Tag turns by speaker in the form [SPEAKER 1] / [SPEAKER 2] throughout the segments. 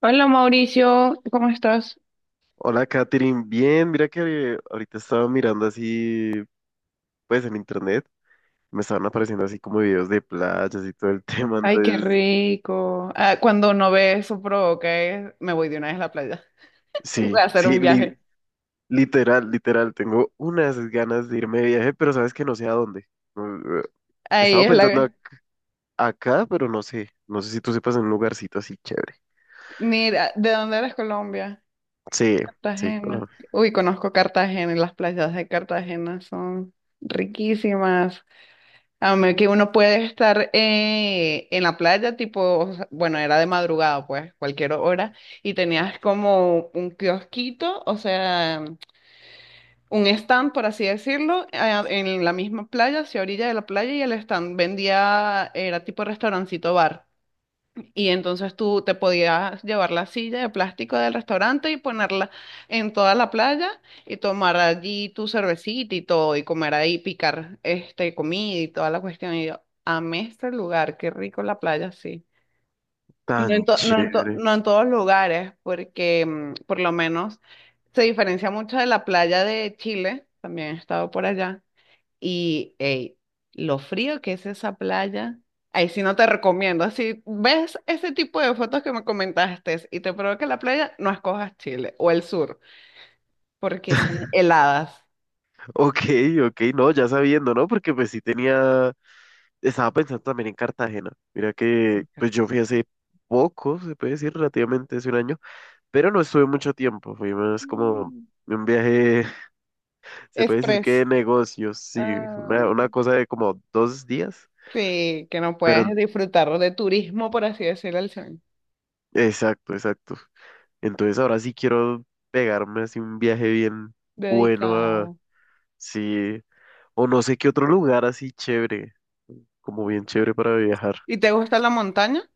[SPEAKER 1] Hola Mauricio, ¿cómo estás?
[SPEAKER 2] Hola, Katherine. Bien, mira que ahorita estaba mirando así, pues en internet, me estaban apareciendo así como videos de playas y todo el tema,
[SPEAKER 1] Ay, qué
[SPEAKER 2] entonces,
[SPEAKER 1] rico. Ah, cuando no ve eso provoca, me voy de una vez a la playa. Voy
[SPEAKER 2] sí,
[SPEAKER 1] a hacer
[SPEAKER 2] sí,
[SPEAKER 1] un viaje.
[SPEAKER 2] literal, literal, tengo unas ganas de irme de viaje, pero sabes que no sé a dónde. Mm, eh,
[SPEAKER 1] Ahí
[SPEAKER 2] Estaba
[SPEAKER 1] es
[SPEAKER 2] pensando ac-
[SPEAKER 1] la...
[SPEAKER 2] acá, pero no sé, no sé si tú sepas en un lugarcito así chévere.
[SPEAKER 1] Mira, ¿de dónde eres? Colombia?
[SPEAKER 2] Sí, sí,
[SPEAKER 1] Cartagena.
[SPEAKER 2] Colombia.
[SPEAKER 1] Uy, conozco Cartagena y las playas de Cartagena son riquísimas. A mí que uno puede estar en la playa, tipo, o sea, bueno, era de madrugada, pues, cualquier hora, y tenías como un kiosquito, o sea... un stand, por así decirlo, en la misma playa, hacia orilla de la playa, y el stand vendía, era tipo restaurancito bar. Y entonces tú te podías llevar la silla de plástico del restaurante y ponerla en toda la playa y tomar allí tu cervecita y todo, y comer ahí, picar este, comida y toda la cuestión. Y yo, amé este lugar, qué rico la playa, sí.
[SPEAKER 2] Tan chévere.
[SPEAKER 1] No en todos lugares, porque mm, por lo menos se diferencia mucho de la playa de Chile, también he estado por allá, y ey, lo frío que es esa playa, ahí sí no te recomiendo, si ves ese tipo de fotos que me comentaste y te provoca la playa, no escojas Chile o el sur, porque son heladas.
[SPEAKER 2] Ok, ok, no, ya sabiendo, ¿no? Porque pues sí tenía... Estaba pensando también en Cartagena. Mira que pues yo fui hace poco, se puede decir, relativamente hace un año, pero no estuve mucho tiempo. Fui más como
[SPEAKER 1] Mm.
[SPEAKER 2] un viaje, se puede decir que de
[SPEAKER 1] Express.
[SPEAKER 2] negocios, sí,
[SPEAKER 1] Ah,
[SPEAKER 2] una cosa de como dos días,
[SPEAKER 1] sí, que no
[SPEAKER 2] pero
[SPEAKER 1] puedes disfrutar de turismo, por así decirlo, al sur.
[SPEAKER 2] exacto, exacto. Entonces ahora sí quiero pegarme así un viaje bien bueno a,
[SPEAKER 1] Dedicada.
[SPEAKER 2] sí, o no sé qué otro lugar así chévere, como bien chévere para viajar.
[SPEAKER 1] ¿Y te gusta la montaña?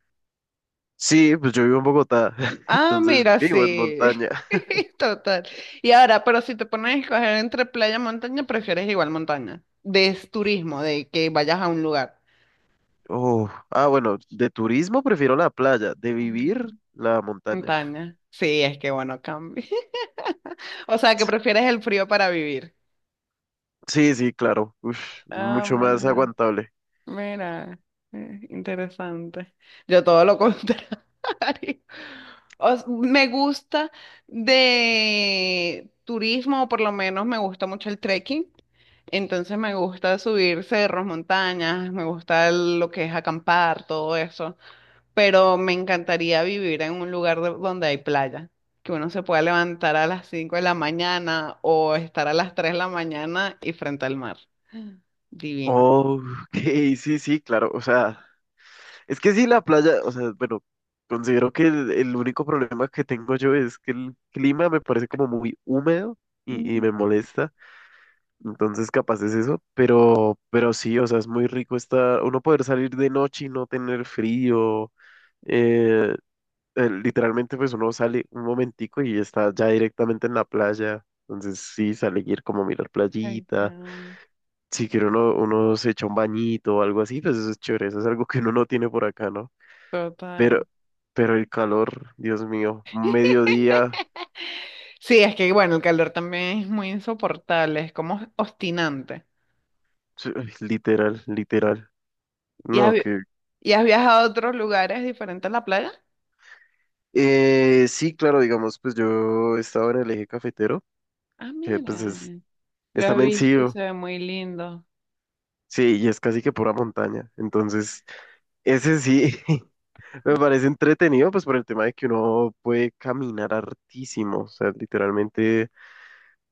[SPEAKER 2] Sí, pues yo vivo en Bogotá,
[SPEAKER 1] Ah,
[SPEAKER 2] entonces
[SPEAKER 1] mira,
[SPEAKER 2] vivo en
[SPEAKER 1] sí.
[SPEAKER 2] montaña.
[SPEAKER 1] Total. Y ahora, pero si te pones a escoger entre playa y montaña, prefieres igual montaña. De es turismo, de que vayas a un lugar.
[SPEAKER 2] Oh, ah, bueno, de turismo prefiero la playa, de vivir
[SPEAKER 1] Mm.
[SPEAKER 2] la montaña.
[SPEAKER 1] Montaña. Sí, es que bueno, cambia. O sea, que prefieres el frío para vivir.
[SPEAKER 2] Sí, sí, claro. Uf,
[SPEAKER 1] Ah,
[SPEAKER 2] mucho más
[SPEAKER 1] mira.
[SPEAKER 2] aguantable.
[SPEAKER 1] Mira, interesante. Yo todo lo contrario. Me gusta de turismo, o por lo menos me gusta mucho el trekking. Entonces me gusta subir cerros, montañas, me gusta lo que es acampar, todo eso. Pero me encantaría vivir en un lugar donde hay playa, que uno se pueda levantar a las 5 de la mañana o estar a las 3 de la mañana y frente al mar. Divino.
[SPEAKER 2] Oh, ok, sí, sí, claro. O sea, es que sí, la playa, o sea, bueno, considero que el único problema que tengo yo es que el clima me parece como muy húmedo y me molesta. Entonces, capaz es eso. Pero sí, o sea, es muy rico estar, uno poder salir de noche y no tener frío. eh, literalmente pues uno sale un momentico y está ya directamente en la playa. Entonces sí, sale ir como a mirar
[SPEAKER 1] Ay,
[SPEAKER 2] playita.
[SPEAKER 1] caramba.
[SPEAKER 2] Si quiere uno, uno se echa un bañito o algo así, pues eso es chévere. Eso es algo que uno no tiene por acá, ¿no?
[SPEAKER 1] Total.
[SPEAKER 2] Pero, pero el calor, Dios mío, un mediodía,
[SPEAKER 1] Sí, es que bueno, el calor también es muy insoportable, es como obstinante.
[SPEAKER 2] sí, ay, literal, literal.
[SPEAKER 1] ¿Y has,
[SPEAKER 2] No,
[SPEAKER 1] vi-
[SPEAKER 2] que...
[SPEAKER 1] ¿Y has viajado a otros lugares diferentes a la playa?
[SPEAKER 2] sí, claro, digamos, pues yo estaba en el eje cafetero,
[SPEAKER 1] Ah,
[SPEAKER 2] que
[SPEAKER 1] mira,
[SPEAKER 2] pues es,
[SPEAKER 1] lo
[SPEAKER 2] está
[SPEAKER 1] he visto y
[SPEAKER 2] vencido.
[SPEAKER 1] se ve muy lindo.
[SPEAKER 2] Sí, sí, y es casi que pura montaña. Entonces, ese sí. Me parece entretenido, pues por el tema de que uno puede caminar hartísimo, o sea, literalmente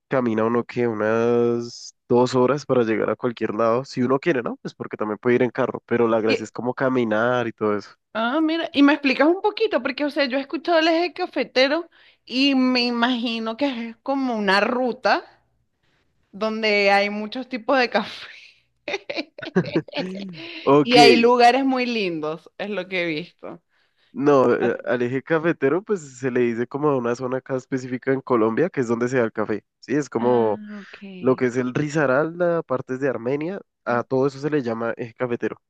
[SPEAKER 2] camina uno que unas dos horas para llegar a cualquier lado, si uno quiere, ¿no? Pues porque también puede ir en carro, pero la gracia
[SPEAKER 1] Y,
[SPEAKER 2] es como caminar y todo eso.
[SPEAKER 1] ah, mira, y me explicas un poquito, porque o sea, yo he escuchado el eje cafetero y me imagino que es como una ruta donde hay muchos tipos de café
[SPEAKER 2] Ok,
[SPEAKER 1] y hay lugares muy lindos, es lo que he visto.
[SPEAKER 2] no,
[SPEAKER 1] Ah,
[SPEAKER 2] al eje cafetero pues se le dice como a una zona acá específica en Colombia, que es donde se da el café, ¿sí? Es como
[SPEAKER 1] ah, ok.
[SPEAKER 2] lo que es el Risaralda, partes de Armenia, a
[SPEAKER 1] Ok.
[SPEAKER 2] todo eso se le llama eje cafetero.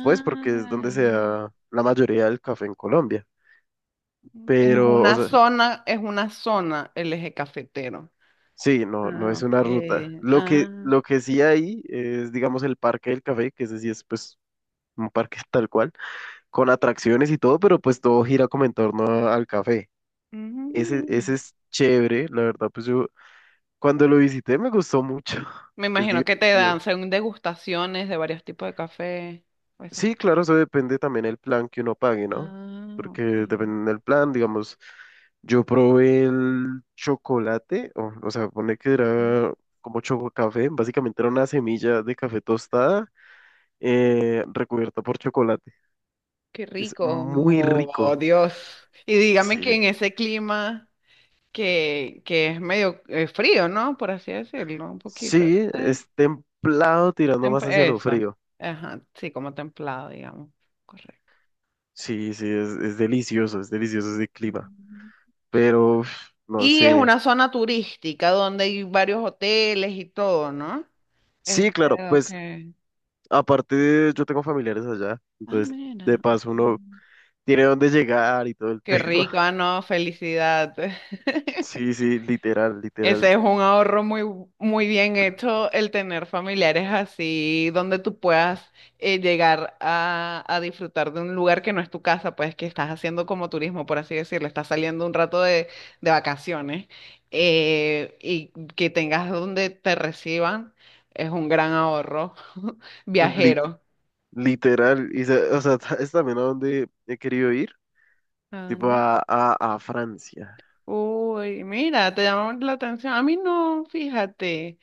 [SPEAKER 2] Pues porque es donde se da la mayoría del café en Colombia. Pero, o sea,
[SPEAKER 1] es una zona el eje cafetero.
[SPEAKER 2] sí, no, no
[SPEAKER 1] Ah,
[SPEAKER 2] es
[SPEAKER 1] ok.
[SPEAKER 2] una ruta. Lo que,
[SPEAKER 1] Ah,
[SPEAKER 2] lo que sí hay es, digamos, el Parque del Café, que ese sí es, pues, un parque tal cual, con atracciones y todo, pero pues todo gira como en torno a- al café. Ese
[SPEAKER 1] mm.
[SPEAKER 2] es chévere, la verdad, pues yo cuando lo visité me gustó mucho.
[SPEAKER 1] Me
[SPEAKER 2] Es
[SPEAKER 1] imagino que te
[SPEAKER 2] divertido.
[SPEAKER 1] dan según degustaciones de varios tipos de café o esas
[SPEAKER 2] Sí,
[SPEAKER 1] cosas.
[SPEAKER 2] claro, eso depende también el plan que uno pague, ¿no?
[SPEAKER 1] Ah,
[SPEAKER 2] Porque
[SPEAKER 1] ok.
[SPEAKER 2] depende del plan, digamos, yo probé el chocolate, o sea, pone que era como chococafé, básicamente era una semilla de café tostada recubierta por chocolate.
[SPEAKER 1] Qué
[SPEAKER 2] Es
[SPEAKER 1] rico.
[SPEAKER 2] muy
[SPEAKER 1] Oh,
[SPEAKER 2] rico.
[SPEAKER 1] Dios. Y dígame que
[SPEAKER 2] Sí,
[SPEAKER 1] en ese clima que es medio frío, ¿no? Por así decirlo, un poquito.
[SPEAKER 2] sí,
[SPEAKER 1] Sí.
[SPEAKER 2] es templado tirando más hacia lo
[SPEAKER 1] Eso.
[SPEAKER 2] frío.
[SPEAKER 1] Ajá, sí, como templado, digamos. Correcto.
[SPEAKER 2] Sí, sí, es delicioso ese clima.
[SPEAKER 1] Mm.
[SPEAKER 2] Pero, uf, no
[SPEAKER 1] Y es
[SPEAKER 2] sé.
[SPEAKER 1] una zona turística donde hay varios hoteles y todo, ¿no?
[SPEAKER 2] Sí, claro,
[SPEAKER 1] Este, ok.
[SPEAKER 2] pues aparte, yo tengo familiares allá,
[SPEAKER 1] Ah,
[SPEAKER 2] entonces de
[SPEAKER 1] mira.
[SPEAKER 2] paso
[SPEAKER 1] Ok.
[SPEAKER 2] uno tiene dónde llegar y todo el tema.
[SPEAKER 1] Qué rico, ah, no, felicidad.
[SPEAKER 2] Sí, sí, literal,
[SPEAKER 1] Ese
[SPEAKER 2] literal,
[SPEAKER 1] es un ahorro muy, muy bien hecho, el tener familiares así, donde tú puedas llegar a disfrutar de un lugar que no es tu casa, pues que estás haciendo como turismo, por así decirlo, estás saliendo un rato de vacaciones y que tengas donde te reciban, es un gran ahorro
[SPEAKER 2] lit-
[SPEAKER 1] viajero.
[SPEAKER 2] literal. Y, se, o sea, es también a donde he querido ir, tipo
[SPEAKER 1] Anda.
[SPEAKER 2] a Francia.
[SPEAKER 1] Uy, mira, te llamó la atención. A mí no, fíjate,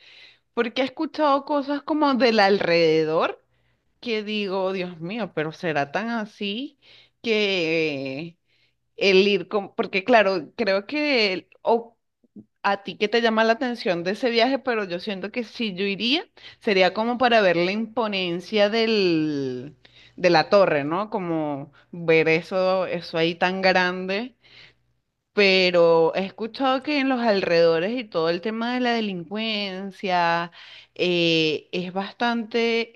[SPEAKER 1] porque he escuchado cosas como del alrededor que digo, Dios mío, pero será tan así que el ir con, porque claro, creo que o a ti que te llama la atención de ese viaje, pero yo siento que si yo iría, sería como para ver la imponencia del, de la torre, ¿no? Como ver eso, eso ahí tan grande, pero he escuchado que en los alrededores y todo el tema de la delincuencia es bastante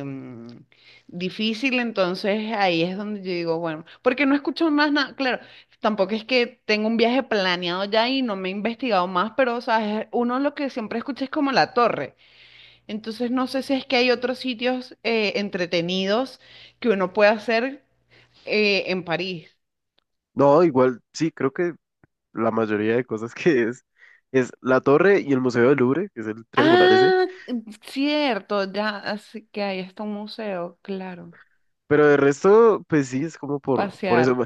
[SPEAKER 1] em, difícil, entonces ahí es donde yo digo, bueno, porque no escucho más nada, claro, tampoco es que tengo un viaje planeado ya y no me he investigado más, pero sabes uno lo que siempre escucha es como la torre, entonces no sé si es que hay otros sitios entretenidos que uno puede hacer en París.
[SPEAKER 2] No, igual, sí, creo que la mayoría de cosas que es la torre y el Museo del Louvre, que es el triangular ese.
[SPEAKER 1] Ah, mm, cierto, ya, así que ahí está un museo, claro.
[SPEAKER 2] Pero de resto, pues sí, es como por eso.
[SPEAKER 1] Pasear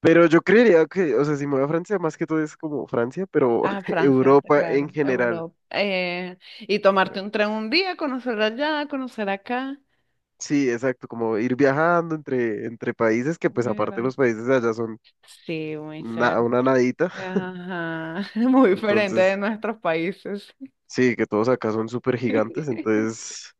[SPEAKER 2] Pero yo creería que, o sea, si me voy a Francia, más que todo es como Francia, pero
[SPEAKER 1] a Francia, está
[SPEAKER 2] Europa en
[SPEAKER 1] claro,
[SPEAKER 2] general.
[SPEAKER 1] Europa. Y tomarte un tren un día, conocer allá, conocer acá.
[SPEAKER 2] Sí, exacto, como ir viajando entre, entre países que pues aparte
[SPEAKER 1] Mira.
[SPEAKER 2] los países de allá son
[SPEAKER 1] Sí, muy cerca.
[SPEAKER 2] una nadita,
[SPEAKER 1] Ajá, muy diferente de
[SPEAKER 2] entonces
[SPEAKER 1] nuestros países.
[SPEAKER 2] sí, que todos acá son súper gigantes, entonces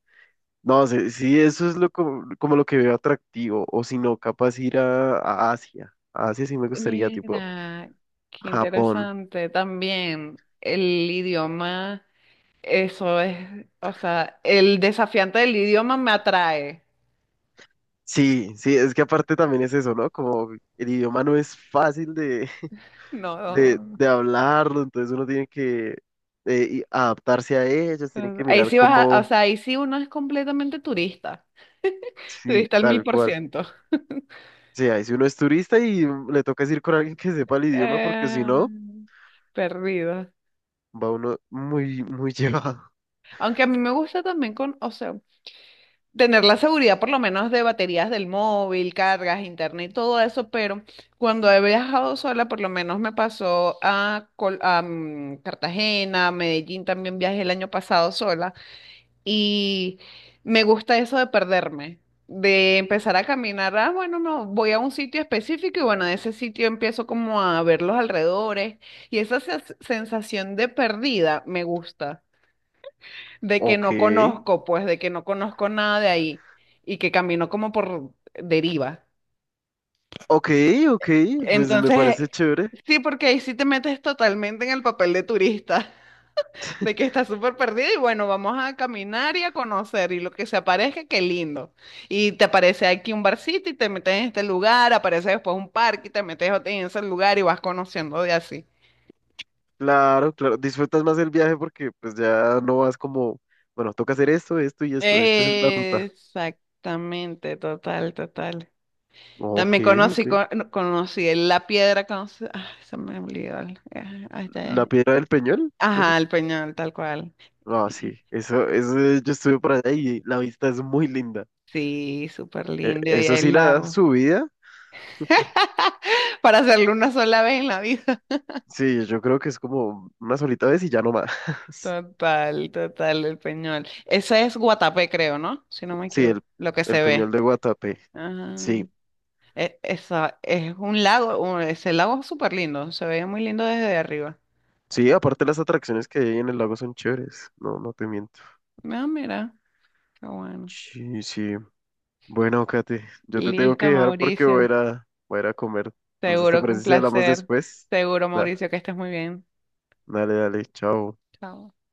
[SPEAKER 2] no sé, sí, eso es lo como, como lo que veo atractivo, o si no, capaz ir a Asia sí me gustaría, tipo
[SPEAKER 1] Mira, qué
[SPEAKER 2] Japón.
[SPEAKER 1] interesante. También el idioma, eso es, o sea, el desafiante del idioma me atrae.
[SPEAKER 2] Sí, sí, es que aparte también es eso, ¿no? Como el idioma no es fácil
[SPEAKER 1] No,
[SPEAKER 2] de hablarlo, entonces uno tiene que y adaptarse a ellos, tiene que
[SPEAKER 1] ahí
[SPEAKER 2] mirar
[SPEAKER 1] sí vas a, o
[SPEAKER 2] cómo,
[SPEAKER 1] sea, ahí sí uno es completamente turista,
[SPEAKER 2] sí,
[SPEAKER 1] turista al mil
[SPEAKER 2] tal
[SPEAKER 1] por
[SPEAKER 2] cual.
[SPEAKER 1] ciento.
[SPEAKER 2] Sí, ahí si uno es turista y le toca es ir con alguien que sepa el idioma, porque si
[SPEAKER 1] Eh,
[SPEAKER 2] no,
[SPEAKER 1] perdido.
[SPEAKER 2] va uno muy, muy llevado.
[SPEAKER 1] Aunque a mí me gusta también con, o sea, tener la seguridad por lo menos de baterías del móvil, cargas, internet y todo eso, pero cuando he viajado sola, por lo menos me pasó a, a, mm, Cartagena, Medellín, también viajé el año pasado sola. Y me gusta eso de perderme, de empezar a caminar. Ah, bueno, no, voy a un sitio específico y bueno, de ese sitio empiezo como a ver los alrededores. Y esa sensación de perdida me gusta, de que
[SPEAKER 2] Ok,
[SPEAKER 1] no conozco, pues, de que no conozco nada de ahí y que camino como por deriva.
[SPEAKER 2] ok, ok, pues me parece
[SPEAKER 1] Entonces,
[SPEAKER 2] chévere.
[SPEAKER 1] sí, porque ahí sí te metes totalmente en el papel de turista. De que está súper perdida y bueno, vamos a caminar y a conocer y lo que se aparezca, qué lindo. Y te aparece aquí un barcito y te metes en este lugar, aparece después un parque y te metes en ese lugar y vas conociendo de así.
[SPEAKER 2] Claro, claro, disfrutas más el viaje porque pues ya no vas como, bueno, toca hacer esto, esto y esto, esta es la ruta.
[SPEAKER 1] Exactamente, total, total.
[SPEAKER 2] Ok,
[SPEAKER 1] También conocí,
[SPEAKER 2] ok.
[SPEAKER 1] no, conocí la piedra, conocí, ay, se me olvidó. Ay,
[SPEAKER 2] ¿La
[SPEAKER 1] ya-
[SPEAKER 2] Piedra del Peñol? ¿Puede
[SPEAKER 1] Ajá,
[SPEAKER 2] ser?
[SPEAKER 1] el peñón, tal cual.
[SPEAKER 2] Ah,
[SPEAKER 1] Sí,
[SPEAKER 2] sí, eso, yo estuve por allá y la vista es muy linda.
[SPEAKER 1] sí, súper lindo y
[SPEAKER 2] Eso sí,
[SPEAKER 1] el
[SPEAKER 2] la
[SPEAKER 1] lago.
[SPEAKER 2] subida,
[SPEAKER 1] Para hacerlo una sola vez en la vida.
[SPEAKER 2] sí, yo creo que es como una solita vez y ya no más.
[SPEAKER 1] Total, total, el Peñol. Ese es Guatapé, creo, ¿no? Si no me
[SPEAKER 2] Sí,
[SPEAKER 1] equivoco, lo que
[SPEAKER 2] el
[SPEAKER 1] se
[SPEAKER 2] Peñol
[SPEAKER 1] ve.
[SPEAKER 2] de Guatapé.
[SPEAKER 1] Ah,
[SPEAKER 2] Sí,
[SPEAKER 1] esa, es un lago, ese lago es súper lindo, se veía muy lindo desde arriba.
[SPEAKER 2] sí, aparte las atracciones que hay en el lago son chéveres. No, no te miento.
[SPEAKER 1] Ah, mira, qué bueno.
[SPEAKER 2] Sí, sí. Bueno, Kate, yo te tengo que
[SPEAKER 1] Listo,
[SPEAKER 2] dejar porque voy a
[SPEAKER 1] Mauricio.
[SPEAKER 2] ir a, voy a ir a comer. Entonces, ¿te
[SPEAKER 1] Seguro que un
[SPEAKER 2] parece si hablamos
[SPEAKER 1] placer.
[SPEAKER 2] después?
[SPEAKER 1] Seguro,
[SPEAKER 2] Da,
[SPEAKER 1] Mauricio, que estés muy bien.
[SPEAKER 2] dale, dale, chao.
[SPEAKER 1] Chao.